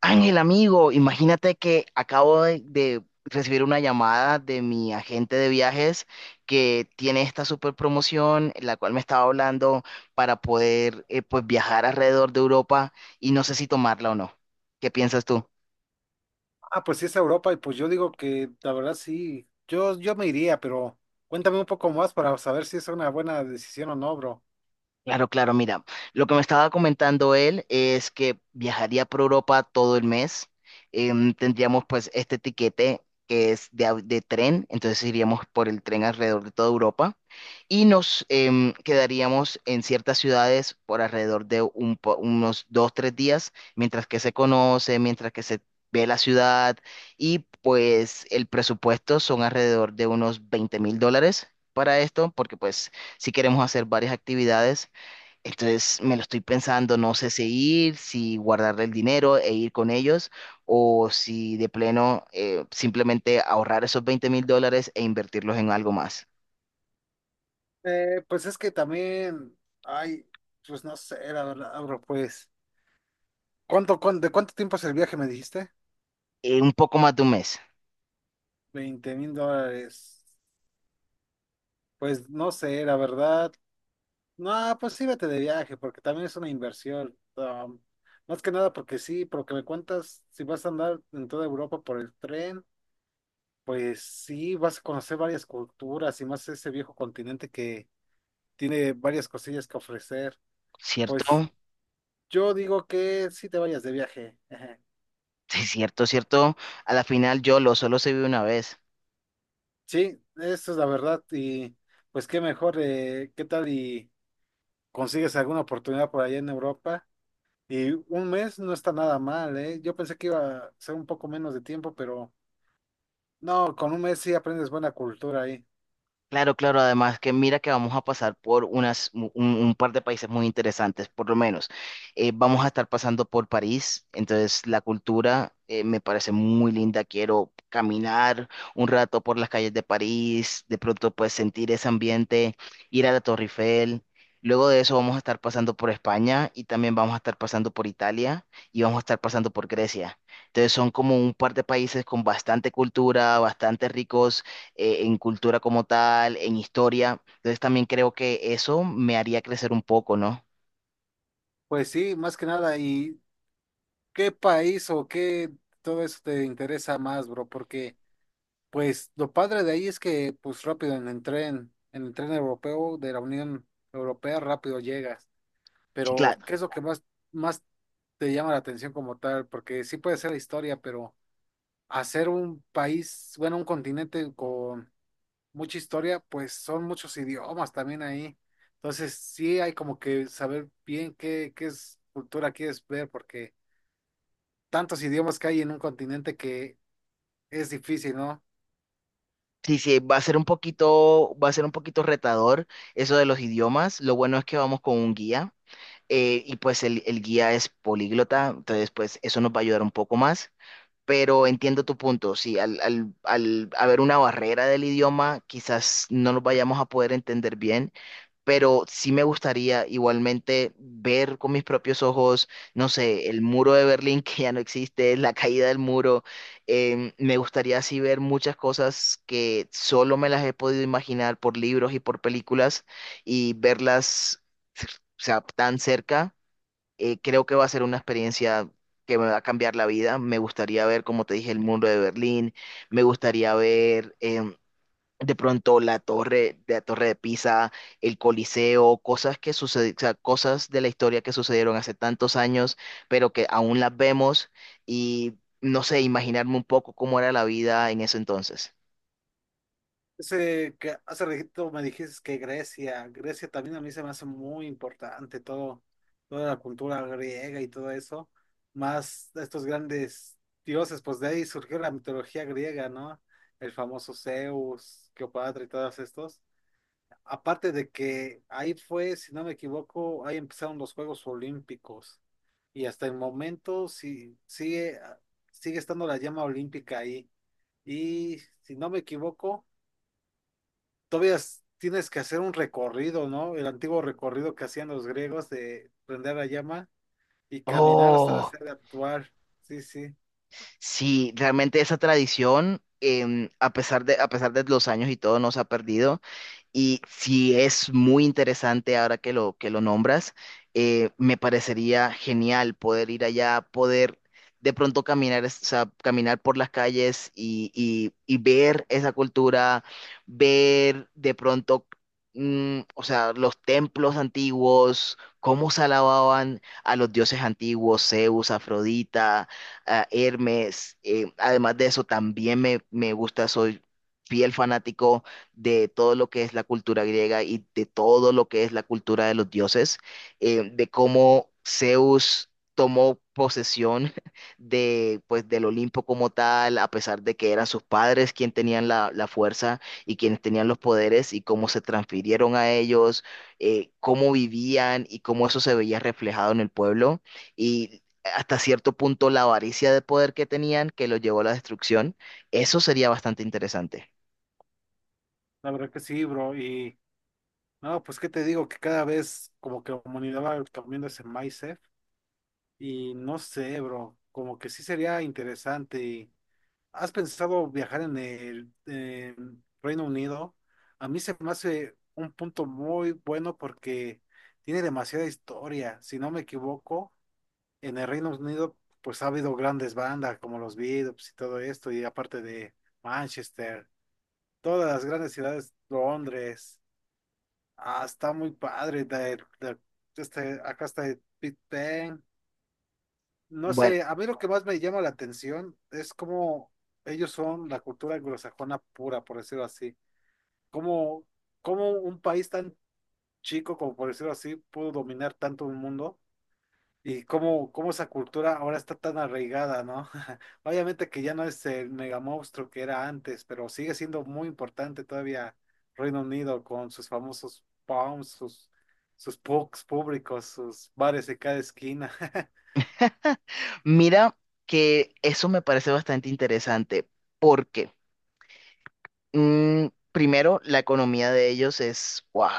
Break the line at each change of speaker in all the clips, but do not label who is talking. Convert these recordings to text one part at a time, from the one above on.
Ángel, amigo, imagínate que acabo de recibir una llamada de mi agente de viajes que tiene esta super promoción, la cual me estaba hablando para poder pues viajar alrededor de Europa y no sé si tomarla o no. ¿Qué piensas tú?
Ah, pues sí, es Europa y pues yo digo que la verdad sí, yo me iría, pero cuéntame un poco más para saber si es una buena decisión o no, bro.
Claro, claro, mira, lo que me estaba comentando él es que viajaría por Europa todo el mes. Tendríamos pues este tiquete que es de tren. Entonces iríamos por el tren alrededor de toda Europa y nos quedaríamos en ciertas ciudades por alrededor de unos 2, 3 días, mientras que se conoce, mientras que se ve la ciudad. Y pues el presupuesto son alrededor de unos $20.000 para esto, porque pues si queremos hacer varias actividades. Entonces me lo estoy pensando, no sé si ir, si guardarle el dinero e ir con ellos, o si de pleno simplemente ahorrar esos $20.000 e invertirlos en algo más.
Pues es que también, ay, pues no sé, la verdad, bro, pues, ¿ de cuánto tiempo es el viaje, me dijiste?
Un poco más de un mes,
20.000 dólares. Pues no sé, la verdad. No, pues sí, vete de viaje, porque también es una inversión. Más que nada porque sí, porque me cuentas si vas a andar en toda Europa por el tren. Pues sí, vas a conocer varias culturas y más ese viejo continente que tiene varias cosillas que ofrecer.
¿cierto?
Pues yo digo que sí te vayas de viaje. Ejé.
Sí, cierto, cierto. A la final yo lo solo se vive una vez.
Sí, eso es la verdad. Y pues qué mejor, qué tal y consigues alguna oportunidad por allá en Europa. Y un mes no está nada mal, ¿eh? Yo pensé que iba a ser un poco menos de tiempo, pero no, con un mes sí aprendes buena cultura ahí.
Claro, claro, además que mira que vamos a pasar por un par de países muy interesantes, por lo menos. Vamos a estar pasando por París. Entonces la cultura me parece muy linda. Quiero caminar un rato por las calles de París, de pronto pues sentir ese ambiente, ir a la Torre Eiffel. Luego de eso vamos a estar pasando por España y también vamos a estar pasando por Italia y vamos a estar pasando por Grecia. Entonces son como un par de países con bastante cultura, bastante ricos en cultura como tal, en historia. Entonces también creo que eso me haría crecer un poco, ¿no?
Pues sí, más que nada. ¿Y qué país o qué todo eso te interesa más, bro? Porque... pues lo padre de ahí es que pues rápido en el tren europeo de la Unión Europea rápido llegas.
Sí,
Pero
claro.
¿qué es lo que más, más te llama la atención como tal? Porque sí puede ser la historia, pero hacer un país, bueno, un continente con mucha historia, pues son muchos idiomas también ahí. Entonces sí hay como que saber bien qué, qué es cultura quieres ver, porque tantos idiomas que hay en un continente que es difícil, ¿no?
Sí, sí, va a ser un poquito, va a ser un poquito retador eso de los idiomas. Lo bueno es que vamos con un guía y pues el guía es políglota. Entonces pues eso nos va a ayudar un poco más. Pero entiendo tu punto, sí, al haber una barrera del idioma, quizás no nos vayamos a poder entender bien, pero sí me gustaría igualmente ver con mis propios ojos, no sé, el muro de Berlín que ya no existe, la caída del muro. Me gustaría así ver muchas cosas que solo me las he podido imaginar por libros y por películas y verlas, o sea, tan cerca. Creo que va a ser una experiencia que me va a cambiar la vida. Me gustaría ver, como te dije, el muro de Berlín. Me gustaría ver... em, de pronto la torre de Pisa, el Coliseo, o sea, cosas de la historia que sucedieron hace tantos años, pero que aún las vemos y no sé, imaginarme un poco cómo era la vida en ese entonces.
Ese que hace ratito me dijiste que Grecia también a mí se me hace muy importante todo, toda la cultura griega y todo eso, más estos grandes dioses, pues de ahí surgió la mitología griega, ¿no? El famoso Zeus, Cleopatra y todos estos. Aparte de que ahí fue, si no me equivoco, ahí empezaron los Juegos Olímpicos y hasta el momento sí, sigue estando la llama olímpica ahí. Y si no me equivoco, todavía tienes que hacer un recorrido, ¿no? El antiguo recorrido que hacían los griegos de prender la llama y caminar hasta la
Oh.
sede actual. Sí, sí,
Sí, realmente esa tradición, a pesar de los años y todo, no se ha perdido. Y sí es muy interesante ahora que lo nombras. Me parecería genial poder ir allá, poder de pronto caminar, o sea, caminar por las calles y ver esa cultura, ver de pronto, o sea, los templos antiguos, cómo se alababan a los dioses antiguos, Zeus, Afrodita, a Hermes. Además de eso, también me gusta, soy fiel fanático de todo lo que es la cultura griega y de todo lo que es la cultura de los dioses. De cómo Zeus tomó posesión del Olimpo como tal, a pesar de que eran sus padres quienes tenían la fuerza y quienes tenían los poderes y cómo se transfirieron a ellos, cómo vivían y cómo eso se veía reflejado en el pueblo. Y hasta cierto punto la avaricia de poder que tenían que lo llevó a la destrucción. Eso sería bastante interesante.
la verdad que sí, bro. Y no, pues qué te digo, que cada vez como que la humanidad va cambiando ese mindset y no sé, bro, como que sí sería interesante. ¿Has pensado viajar en el en Reino Unido? A mí se me hace un punto muy bueno porque tiene demasiada historia, si no me equivoco, en el Reino Unido, pues ha habido grandes bandas como los Beatles y todo esto, y aparte de Manchester, todas las grandes ciudades, Londres, ah, está muy padre, este, acá está el Big Ben, no
Bueno,
sé, a mí lo que más me llama la atención es cómo ellos son la cultura anglosajona pura, por decirlo así, cómo, cómo un país tan chico, como por decirlo así, pudo dominar tanto un mundo. Y cómo, cómo esa cultura ahora está tan arraigada, ¿no? Obviamente que ya no es el mega monstruo que era antes, pero sigue siendo muy importante todavía Reino Unido con sus famosos pubs, sus, sus pubs públicos, sus bares de cada esquina.
mira que eso me parece bastante interesante porque primero la economía de ellos es, wow,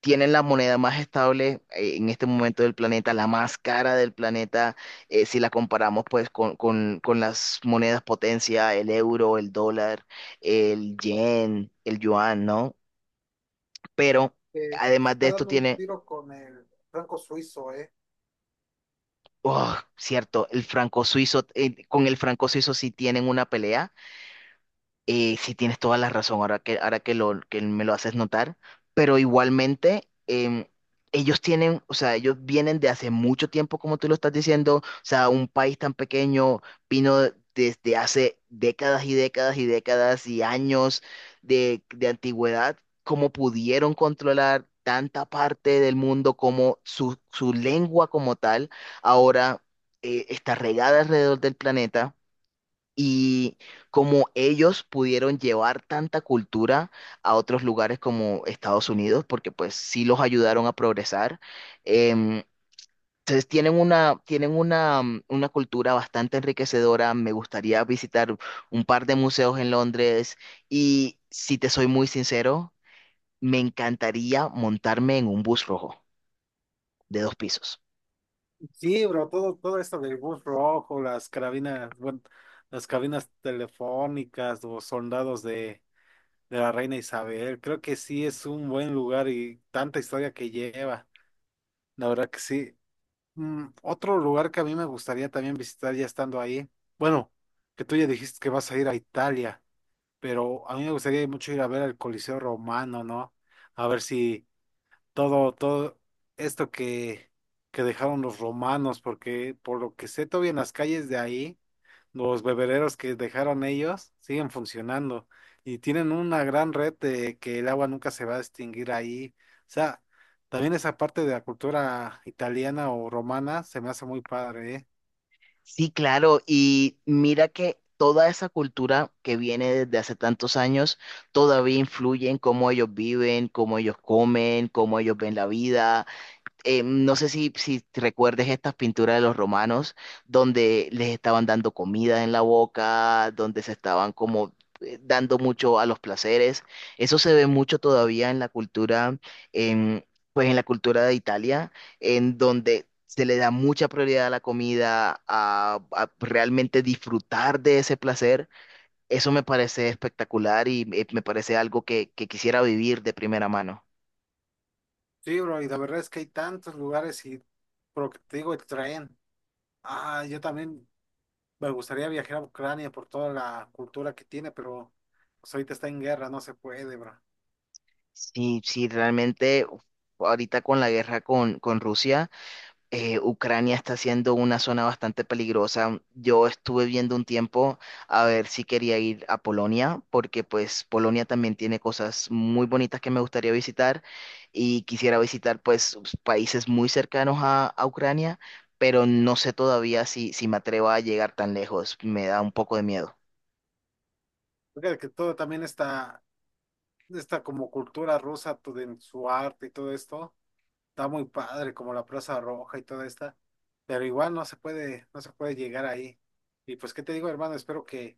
tienen la moneda más estable en este momento del planeta, la más cara del planeta. Si la comparamos pues con, las monedas potencia, el euro, el dólar, el yen, el yuan, ¿no? Pero
Se
además de
está
esto
dando un
tiene,
tiro con el franco suizo, ¿eh?
oh, cierto, el franco suizo. Con el franco suizo sí tienen una pelea. Sí tienes toda la razón ahora que me lo haces notar, pero igualmente ellos tienen, o sea, ellos vienen de hace mucho tiempo, como tú lo estás diciendo, o sea, un país tan pequeño vino desde hace décadas y décadas y décadas y años de antigüedad. Cómo pudieron controlar tanta parte del mundo, como su lengua como tal ahora está regada alrededor del planeta, y como ellos pudieron llevar tanta cultura a otros lugares como Estados Unidos, porque pues sí los ayudaron a progresar. em, entonces tienen una cultura bastante enriquecedora. Me gustaría visitar un par de museos en Londres y si te soy muy sincero, me encantaría montarme en un bus rojo de dos pisos.
Sí, bro, todo esto del bus rojo, las carabinas, bueno, las cabinas telefónicas, los soldados de la reina Isabel. Creo que sí es un buen lugar y tanta historia que lleva. La verdad que sí. Mm, otro lugar que a mí me gustaría también visitar ya estando ahí. Bueno, que tú ya dijiste que vas a ir a Italia, pero a mí me gustaría mucho ir a ver el Coliseo Romano, ¿no? A ver si todo, todo esto que dejaron los romanos, porque por lo que sé, todavía en las calles de ahí. Los bebederos que dejaron ellos siguen funcionando y tienen una gran red de que el agua nunca se va a extinguir ahí. O sea, también esa parte de la cultura italiana o romana se me hace muy padre, ¿eh?
Sí, claro, y mira que toda esa cultura que viene desde hace tantos años todavía influye en cómo ellos viven, cómo ellos comen, cómo ellos ven la vida. No sé si, recuerdes estas pinturas de los romanos, donde les estaban dando comida en la boca, donde se estaban como dando mucho a los placeres. Eso se ve mucho todavía en la cultura, en, en la cultura de Italia, en donde se le da mucha prioridad a la comida, a realmente disfrutar de ese placer. Eso me parece espectacular y me parece algo que quisiera vivir de primera mano.
Sí, bro, y la verdad es que hay tantos lugares y por lo que te digo, el tren. Ah, yo también me gustaría viajar a Ucrania por toda la cultura que tiene, pero pues ahorita está en guerra, no se puede, bro.
Sí, sí, realmente uf, ahorita con la guerra con Rusia. Ucrania está siendo una zona bastante peligrosa. Yo estuve viendo un tiempo a ver si quería ir a Polonia, porque pues Polonia también tiene cosas muy bonitas que me gustaría visitar y quisiera visitar pues países muy cercanos a Ucrania, pero no sé todavía si me atrevo a llegar tan lejos. Me da un poco de miedo.
Fíjate que todo también está, está como cultura rusa, todo en su arte y todo esto está muy padre, como la Plaza Roja y toda esta, pero igual no se puede, no se puede llegar ahí. Y pues, ¿qué te digo, hermano? Espero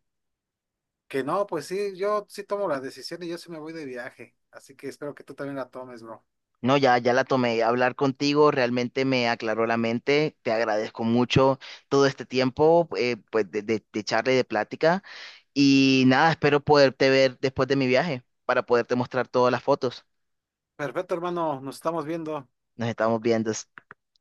que no, pues sí, yo sí tomo la decisión y yo sí me voy de viaje, así que espero que tú también la tomes, bro.
No, ya, ya la tomé. Hablar contigo realmente me aclaró la mente. Te agradezco mucho todo este tiempo. Pues, de charla y de plática. Y nada, espero poderte ver después de mi viaje para poderte mostrar todas las fotos.
Perfecto, hermano, nos estamos viendo.
Nos estamos viendo.